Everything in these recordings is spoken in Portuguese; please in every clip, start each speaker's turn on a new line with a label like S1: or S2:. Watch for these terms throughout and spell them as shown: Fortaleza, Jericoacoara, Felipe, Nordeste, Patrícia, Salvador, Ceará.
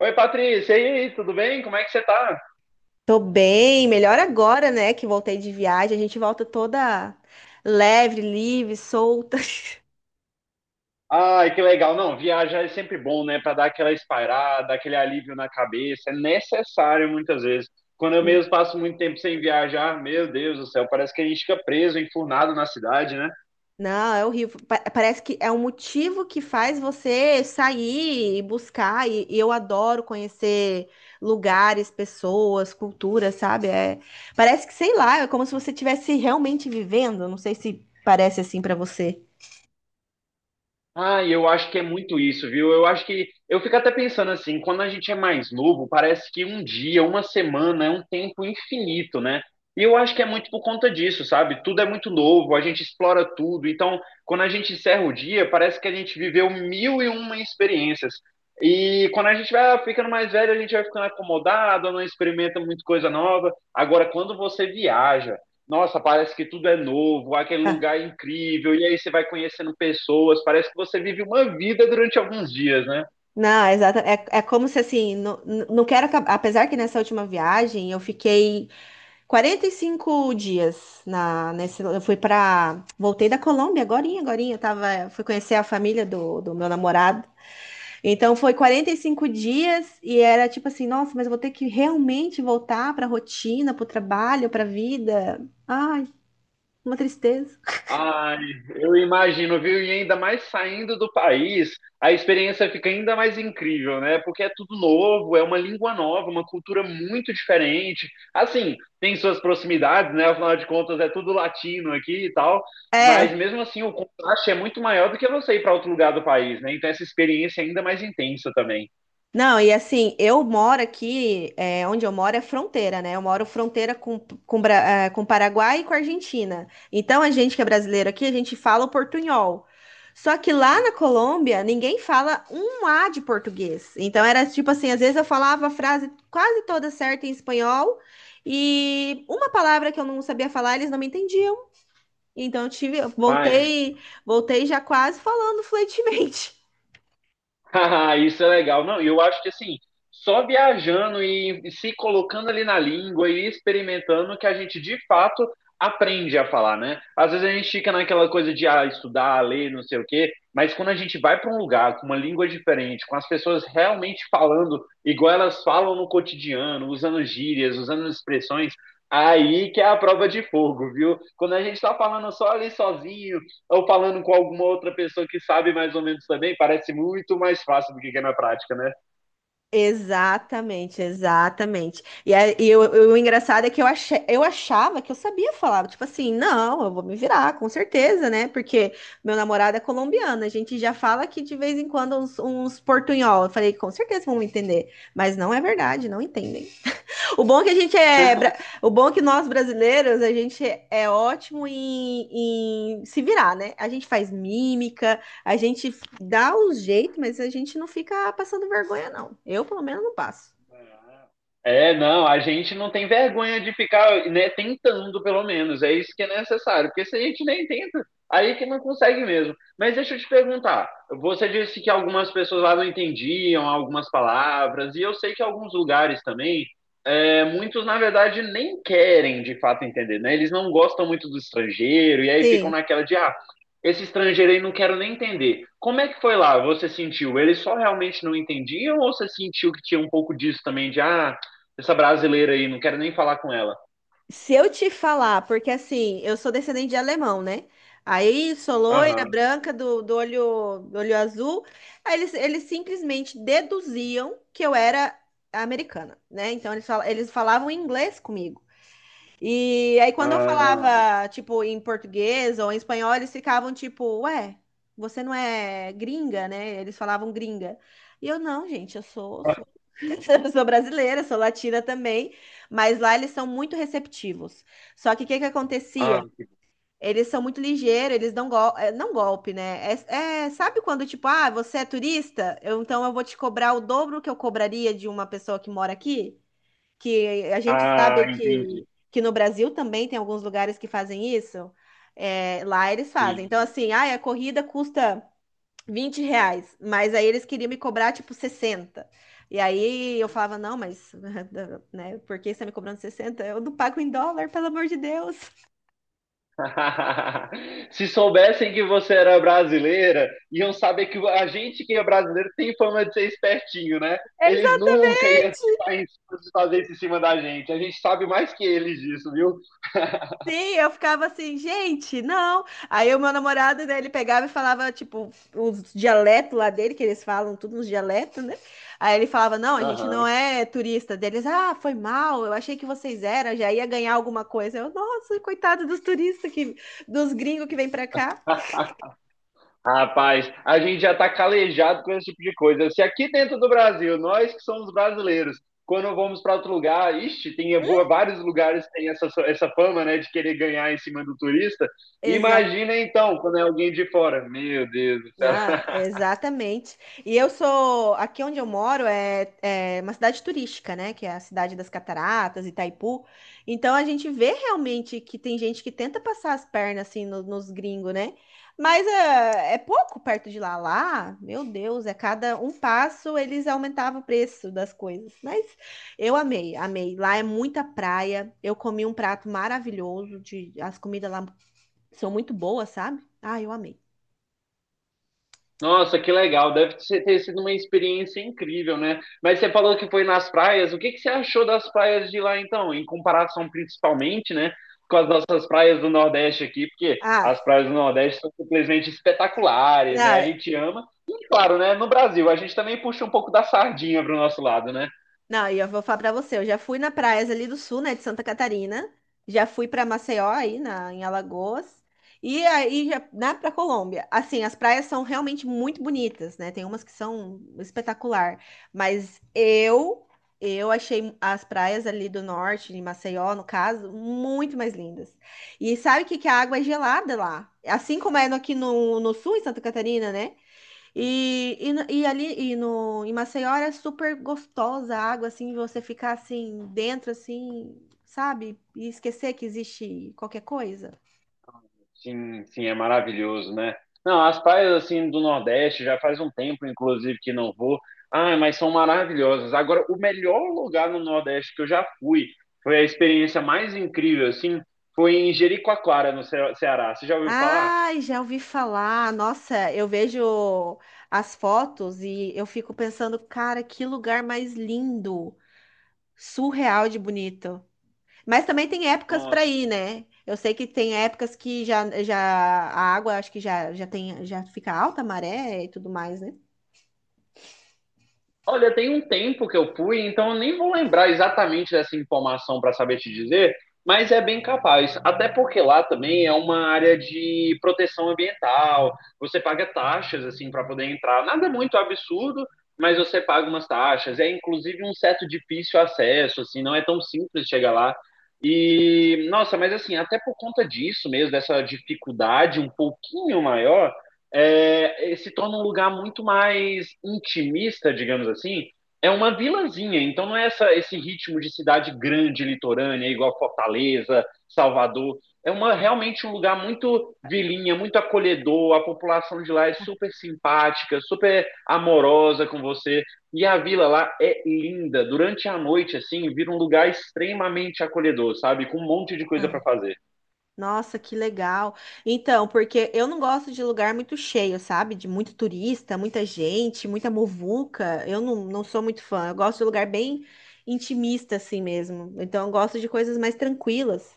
S1: Oi, Patrícia, e aí, tudo bem? Como é que você tá?
S2: Tô bem, melhor agora, né, que voltei de viagem. A gente volta toda leve, livre, solta.
S1: Ai, que legal. Não, viajar é sempre bom, né? Para dar aquela espairada, aquele alívio na cabeça. É necessário muitas vezes. Quando eu mesmo passo muito tempo sem viajar, meu Deus do céu, parece que a gente fica preso, enfurnado na cidade, né?
S2: Não, é horrível. Parece que é um motivo que faz você sair e buscar. E eu adoro conhecer lugares, pessoas, culturas, sabe? Parece que, sei lá, é como se você estivesse realmente vivendo. Não sei se parece assim pra você.
S1: Ah, eu acho que é muito isso, viu? Eu acho que eu fico até pensando assim, quando a gente é mais novo, parece que um dia, uma semana é um tempo infinito, né? E eu acho que é muito por conta disso, sabe? Tudo é muito novo, a gente explora tudo. Então, quando a gente encerra o dia, parece que a gente viveu mil e uma experiências. E quando a gente vai ficando mais velho, a gente vai ficando acomodado, não experimenta muita coisa nova. Agora, quando você viaja, nossa, parece que tudo é novo, aquele
S2: Ah,
S1: lugar é incrível, e aí você vai conhecendo pessoas, parece que você vive uma vida durante alguns dias, né?
S2: não, exato. É, é como se assim, não, não quero acabar. Apesar que nessa última viagem eu fiquei 45 dias nesse. Eu fui pra. Voltei da Colômbia agorinha, agorinha. Eu tava, fui conhecer a família do meu namorado. Então foi 45 dias e era tipo assim, nossa, mas eu vou ter que realmente voltar pra rotina, pro trabalho, pra vida. Ai, uma tristeza.
S1: Ai, eu imagino, viu? E ainda mais saindo do país, a experiência fica ainda mais incrível, né? Porque é tudo novo, é uma língua nova, uma cultura muito diferente. Assim, tem suas proximidades, né? Afinal de contas, é tudo latino aqui e tal, mas
S2: É,
S1: mesmo assim o contraste é muito maior do que você ir para outro lugar do país, né? Então essa experiência é ainda mais intensa também.
S2: não, e assim, eu moro aqui, é, onde eu moro é fronteira, né? Eu moro fronteira com Paraguai e com Argentina. Então, a gente que é brasileiro aqui, a gente fala o portunhol. Só que lá na Colômbia, ninguém fala um A de português. Então, era tipo assim, às vezes eu falava a frase quase toda certa em espanhol e uma palavra que eu não sabia falar, eles não me entendiam. Então, eu tive, eu
S1: Mas
S2: voltei, já quase falando fluentemente.
S1: Haha, isso é legal. Não, eu acho que assim, só viajando e se colocando ali na língua e experimentando que a gente de fato aprende a falar, né? Às vezes a gente fica naquela coisa de ah, estudar, ler, não sei o quê, mas quando a gente vai para um lugar com uma língua diferente, com as pessoas realmente falando igual elas falam no cotidiano, usando gírias, usando expressões, aí que é a prova de fogo, viu? Quando a gente está falando só ali sozinho, ou falando com alguma outra pessoa que sabe mais ou menos também, parece muito mais fácil do que é na prática, né?
S2: Exatamente, exatamente. O engraçado é que eu, achei, eu achava que eu sabia falar, tipo assim, não, eu vou me virar, com certeza, né? Porque meu namorado é colombiano, a gente já fala que de vez em quando uns portunhol. Eu falei, com certeza vão me entender, mas não é verdade, não entendem. O bom é que a gente é, bra- o bom é que nós brasileiros, a gente é ótimo em se virar, né? A gente faz mímica, a gente dá o jeito, mas a gente não fica passando vergonha, não. Eu, pelo menos, não passo.
S1: É, não, a gente não tem vergonha de ficar, né, tentando pelo menos, é isso que é necessário, porque se a gente nem tenta, aí que não consegue mesmo. Mas deixa eu te perguntar, você disse que algumas pessoas lá não entendiam algumas palavras, e eu sei que alguns lugares também é, muitos, na verdade, nem querem de fato entender, né? Eles não gostam muito do estrangeiro e aí ficam
S2: Sim.
S1: naquela de, ah, esse estrangeiro aí não quero nem entender. Como é que foi lá? Você sentiu? Eles só realmente não entendiam ou você sentiu que tinha um pouco disso também de, ah, essa brasileira aí, não quero nem falar com ela?
S2: Se eu te falar, porque assim, eu sou descendente de alemão, né? Aí sou loira,
S1: Aham.
S2: branca, do olho azul. Aí eles simplesmente deduziam que eu era americana, né? Então eles falavam inglês comigo. E aí, quando eu
S1: Ah,
S2: falava, tipo, em português ou em espanhol, eles ficavam tipo, ué, você não é gringa, né? Eles falavam gringa. E eu, não, gente,
S1: ah,
S2: sou, eu sou brasileira, sou latina também. Mas lá eles são muito receptivos. Só que o que que
S1: ah,
S2: acontecia? Eles são muito ligeiros, eles dão gol... eh, não golpe, né? Sabe quando, tipo, ah, você é turista? Então eu vou te cobrar o dobro que eu cobraria de uma pessoa que mora aqui? Que a gente sabe
S1: ah, entendi.
S2: que no Brasil também tem alguns lugares que fazem isso. É, lá eles fazem. Então,
S1: Sim.
S2: assim, ah, a corrida custa 20 reais, mas aí eles queriam me cobrar tipo 60. E aí eu falava, não, mas né, por que você está me cobrando 60? Eu não pago em dólar, pelo amor de Deus.
S1: Se soubessem que você era brasileira, iam saber que a gente que é brasileiro tem fama de ser espertinho, né? Eles
S2: Exatamente.
S1: nunca iam tentar em- fazer isso em cima da gente. A gente sabe mais que eles disso, viu?
S2: Sim, eu ficava assim, gente, não. Aí o meu namorado, né, ele pegava e falava, tipo, os dialetos lá dele, que eles falam tudo nos dialetos, né? Aí ele falava, não, a gente
S1: Aham.
S2: não é turista deles. Ah, foi mal, eu achei que vocês eram, já ia ganhar alguma coisa. Eu, nossa, coitado dos turistas, que, dos gringos que vêm pra cá.
S1: Rapaz, a gente já está calejado com esse tipo de coisa. Se aqui dentro do Brasil, nós que somos brasileiros, quando vamos para outro lugar, ixi, tem boa- vários lugares que tem essa, essa fama, né, de querer ganhar em cima do turista. Imagina então, quando é alguém de fora. Meu Deus do céu.
S2: Ah, exatamente. E eu sou, aqui onde eu moro é uma cidade turística, né? Que é a cidade das Cataratas, Itaipu. Então a gente vê realmente que tem gente que tenta passar as pernas assim nos gringos, né? Mas é, é pouco perto de lá. Lá, meu Deus, é cada um passo eles aumentavam o preço das coisas. Mas eu amei, amei. Lá é muita praia. Eu comi um prato maravilhoso de, as comidas lá são muito boas, sabe? Ah, eu amei.
S1: Nossa, que legal. Deve ser- ter sido uma experiência incrível, né? Mas você falou que foi nas praias. O que que você achou das praias de lá, então? Em comparação, principalmente, né, com as nossas praias do Nordeste aqui, porque
S2: Ah,
S1: as praias do Nordeste são simplesmente espetaculares, né? A
S2: ah,
S1: gente ama. E, claro, né, no Brasil, a gente também puxa um pouco da sardinha pro nosso lado, né?
S2: não, e eu vou falar pra você, eu já fui na praias ali do sul, né, de Santa Catarina, já fui pra Maceió aí na em Alagoas e aí já, né, para Colômbia. Assim, as praias são realmente muito bonitas, né? Tem umas que são espetacular, mas eu achei as praias ali do norte, de Maceió, no caso, muito mais lindas. E sabe o que que a água é gelada lá? Assim como é aqui no sul, em Santa Catarina, né? E, no- e ali e no, Em Maceió era super gostosa a água, assim, você ficar assim dentro, assim, sabe? E esquecer que existe qualquer coisa.
S1: Sim, sim, é maravilhoso, né? Não, as praias assim do Nordeste já faz um tempo, inclusive, que não vou. Ah, mas são maravilhosas. Agora, o melhor lugar no Nordeste que eu já fui, foi a experiência mais incrível, assim, foi em Jericoacoara, no Ce- Ceará. Você já ouviu falar?
S2: Ai, já ouvi falar. Nossa, eu vejo as fotos e eu fico pensando, cara, que lugar mais lindo, surreal de bonito. Mas também tem épocas para
S1: Nossa,
S2: ir, né? Eu sei que tem épocas que já a água acho que já fica alta a maré e tudo mais, né?
S1: olha, tem um tempo que eu fui, então eu nem vou lembrar exatamente dessa informação para saber te dizer, mas é bem capaz. Até porque lá também é uma área de proteção ambiental. Você paga taxas assim para poder entrar. Nada muito absurdo, mas você paga umas taxas. É inclusive um certo difícil acesso, assim, não é tão simples chegar lá. E nossa, mas assim, até por conta disso mesmo, dessa dificuldade um pouquinho maior, é, se torna um lugar muito mais intimista, digamos assim. É uma vilazinha, então não é essa, esse ritmo de cidade grande, litorânea, igual Fortaleza, Salvador. É uma, realmente um lugar muito vilinha, muito acolhedor. A população de lá é super simpática, super amorosa com você. E a vila lá é linda. Durante a noite, assim, vira um lugar extremamente acolhedor, sabe? Com um monte de coisa para fazer.
S2: Nossa, que legal. Então, porque eu não gosto de lugar muito cheio, sabe? De muito turista, muita gente, muita muvuca. Eu não, não sou muito fã. Eu gosto de lugar bem intimista, assim mesmo. Então, eu gosto de coisas mais tranquilas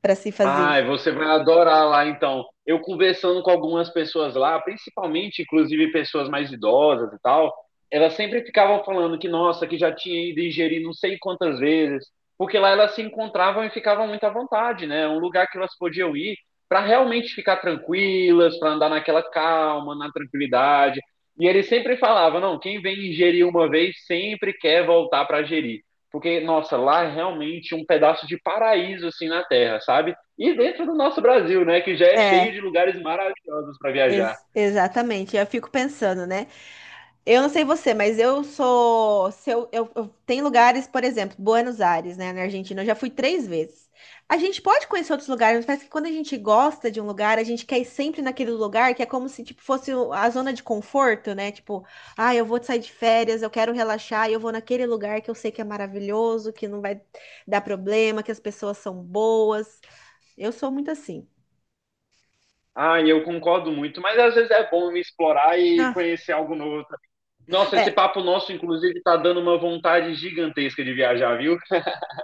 S2: para se fazer.
S1: Ai, você vai adorar lá então. Eu conversando com algumas pessoas lá, principalmente, inclusive pessoas mais idosas e tal, elas sempre ficavam falando que, nossa, que já tinha ido ingerir não sei quantas vezes, porque lá elas se encontravam e ficavam muito à vontade, né? É um lugar que elas podiam ir para realmente ficar tranquilas, para andar naquela calma, na tranquilidade. E ele sempre falava, não, quem vem ingerir uma vez sempre quer voltar para gerir. Porque, nossa, lá é realmente um pedaço de paraíso assim na Terra, sabe? E dentro do nosso Brasil, né, que já é cheio
S2: É,
S1: de lugares maravilhosos para viajar.
S2: exatamente. Eu fico pensando, né? Eu não sei você, mas eu sou. Se eu, eu- Tem lugares, por exemplo, Buenos Aires, né, na Argentina, eu já fui 3 vezes. A gente pode conhecer outros lugares, mas parece que quando a gente gosta de um lugar, a gente quer ir sempre naquele lugar que é como se tipo, fosse a zona de conforto, né? Tipo, ah, eu vou sair de férias, eu quero relaxar, e eu vou naquele lugar que eu sei que é maravilhoso, que não vai dar problema, que as pessoas são boas. Eu sou muito assim.
S1: Ah, eu concordo muito, mas às vezes é bom explorar e
S2: Ah,
S1: conhecer algo novo também. Nossa, esse
S2: é.
S1: papo nosso, inclusive, tá dando uma vontade gigantesca de viajar, viu?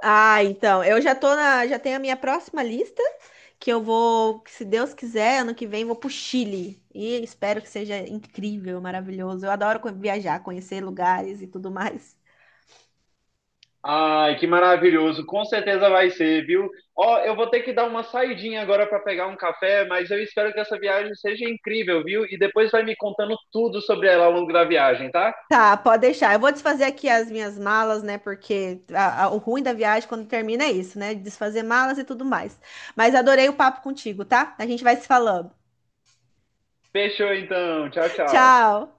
S2: Ah, então, eu já tô na, já tenho a minha próxima lista que eu vou, que se Deus quiser, ano que vem vou pro Chile. E espero que seja incrível, maravilhoso. Eu adoro viajar, conhecer lugares e tudo mais.
S1: Ai, que maravilhoso. Com certeza vai ser, viu? Ó, eu vou ter que dar uma saidinha agora para pegar um café, mas eu espero que essa viagem seja incrível, viu? E depois vai me contando tudo sobre ela ao longo da viagem, tá?
S2: Tá, pode deixar. Eu vou desfazer aqui as minhas malas, né? Porque o ruim da viagem quando termina é isso, né? Desfazer malas e tudo mais. Mas adorei o papo contigo, tá? A gente vai se falando.
S1: Fechou então. Tchau, tchau.
S2: Tchau!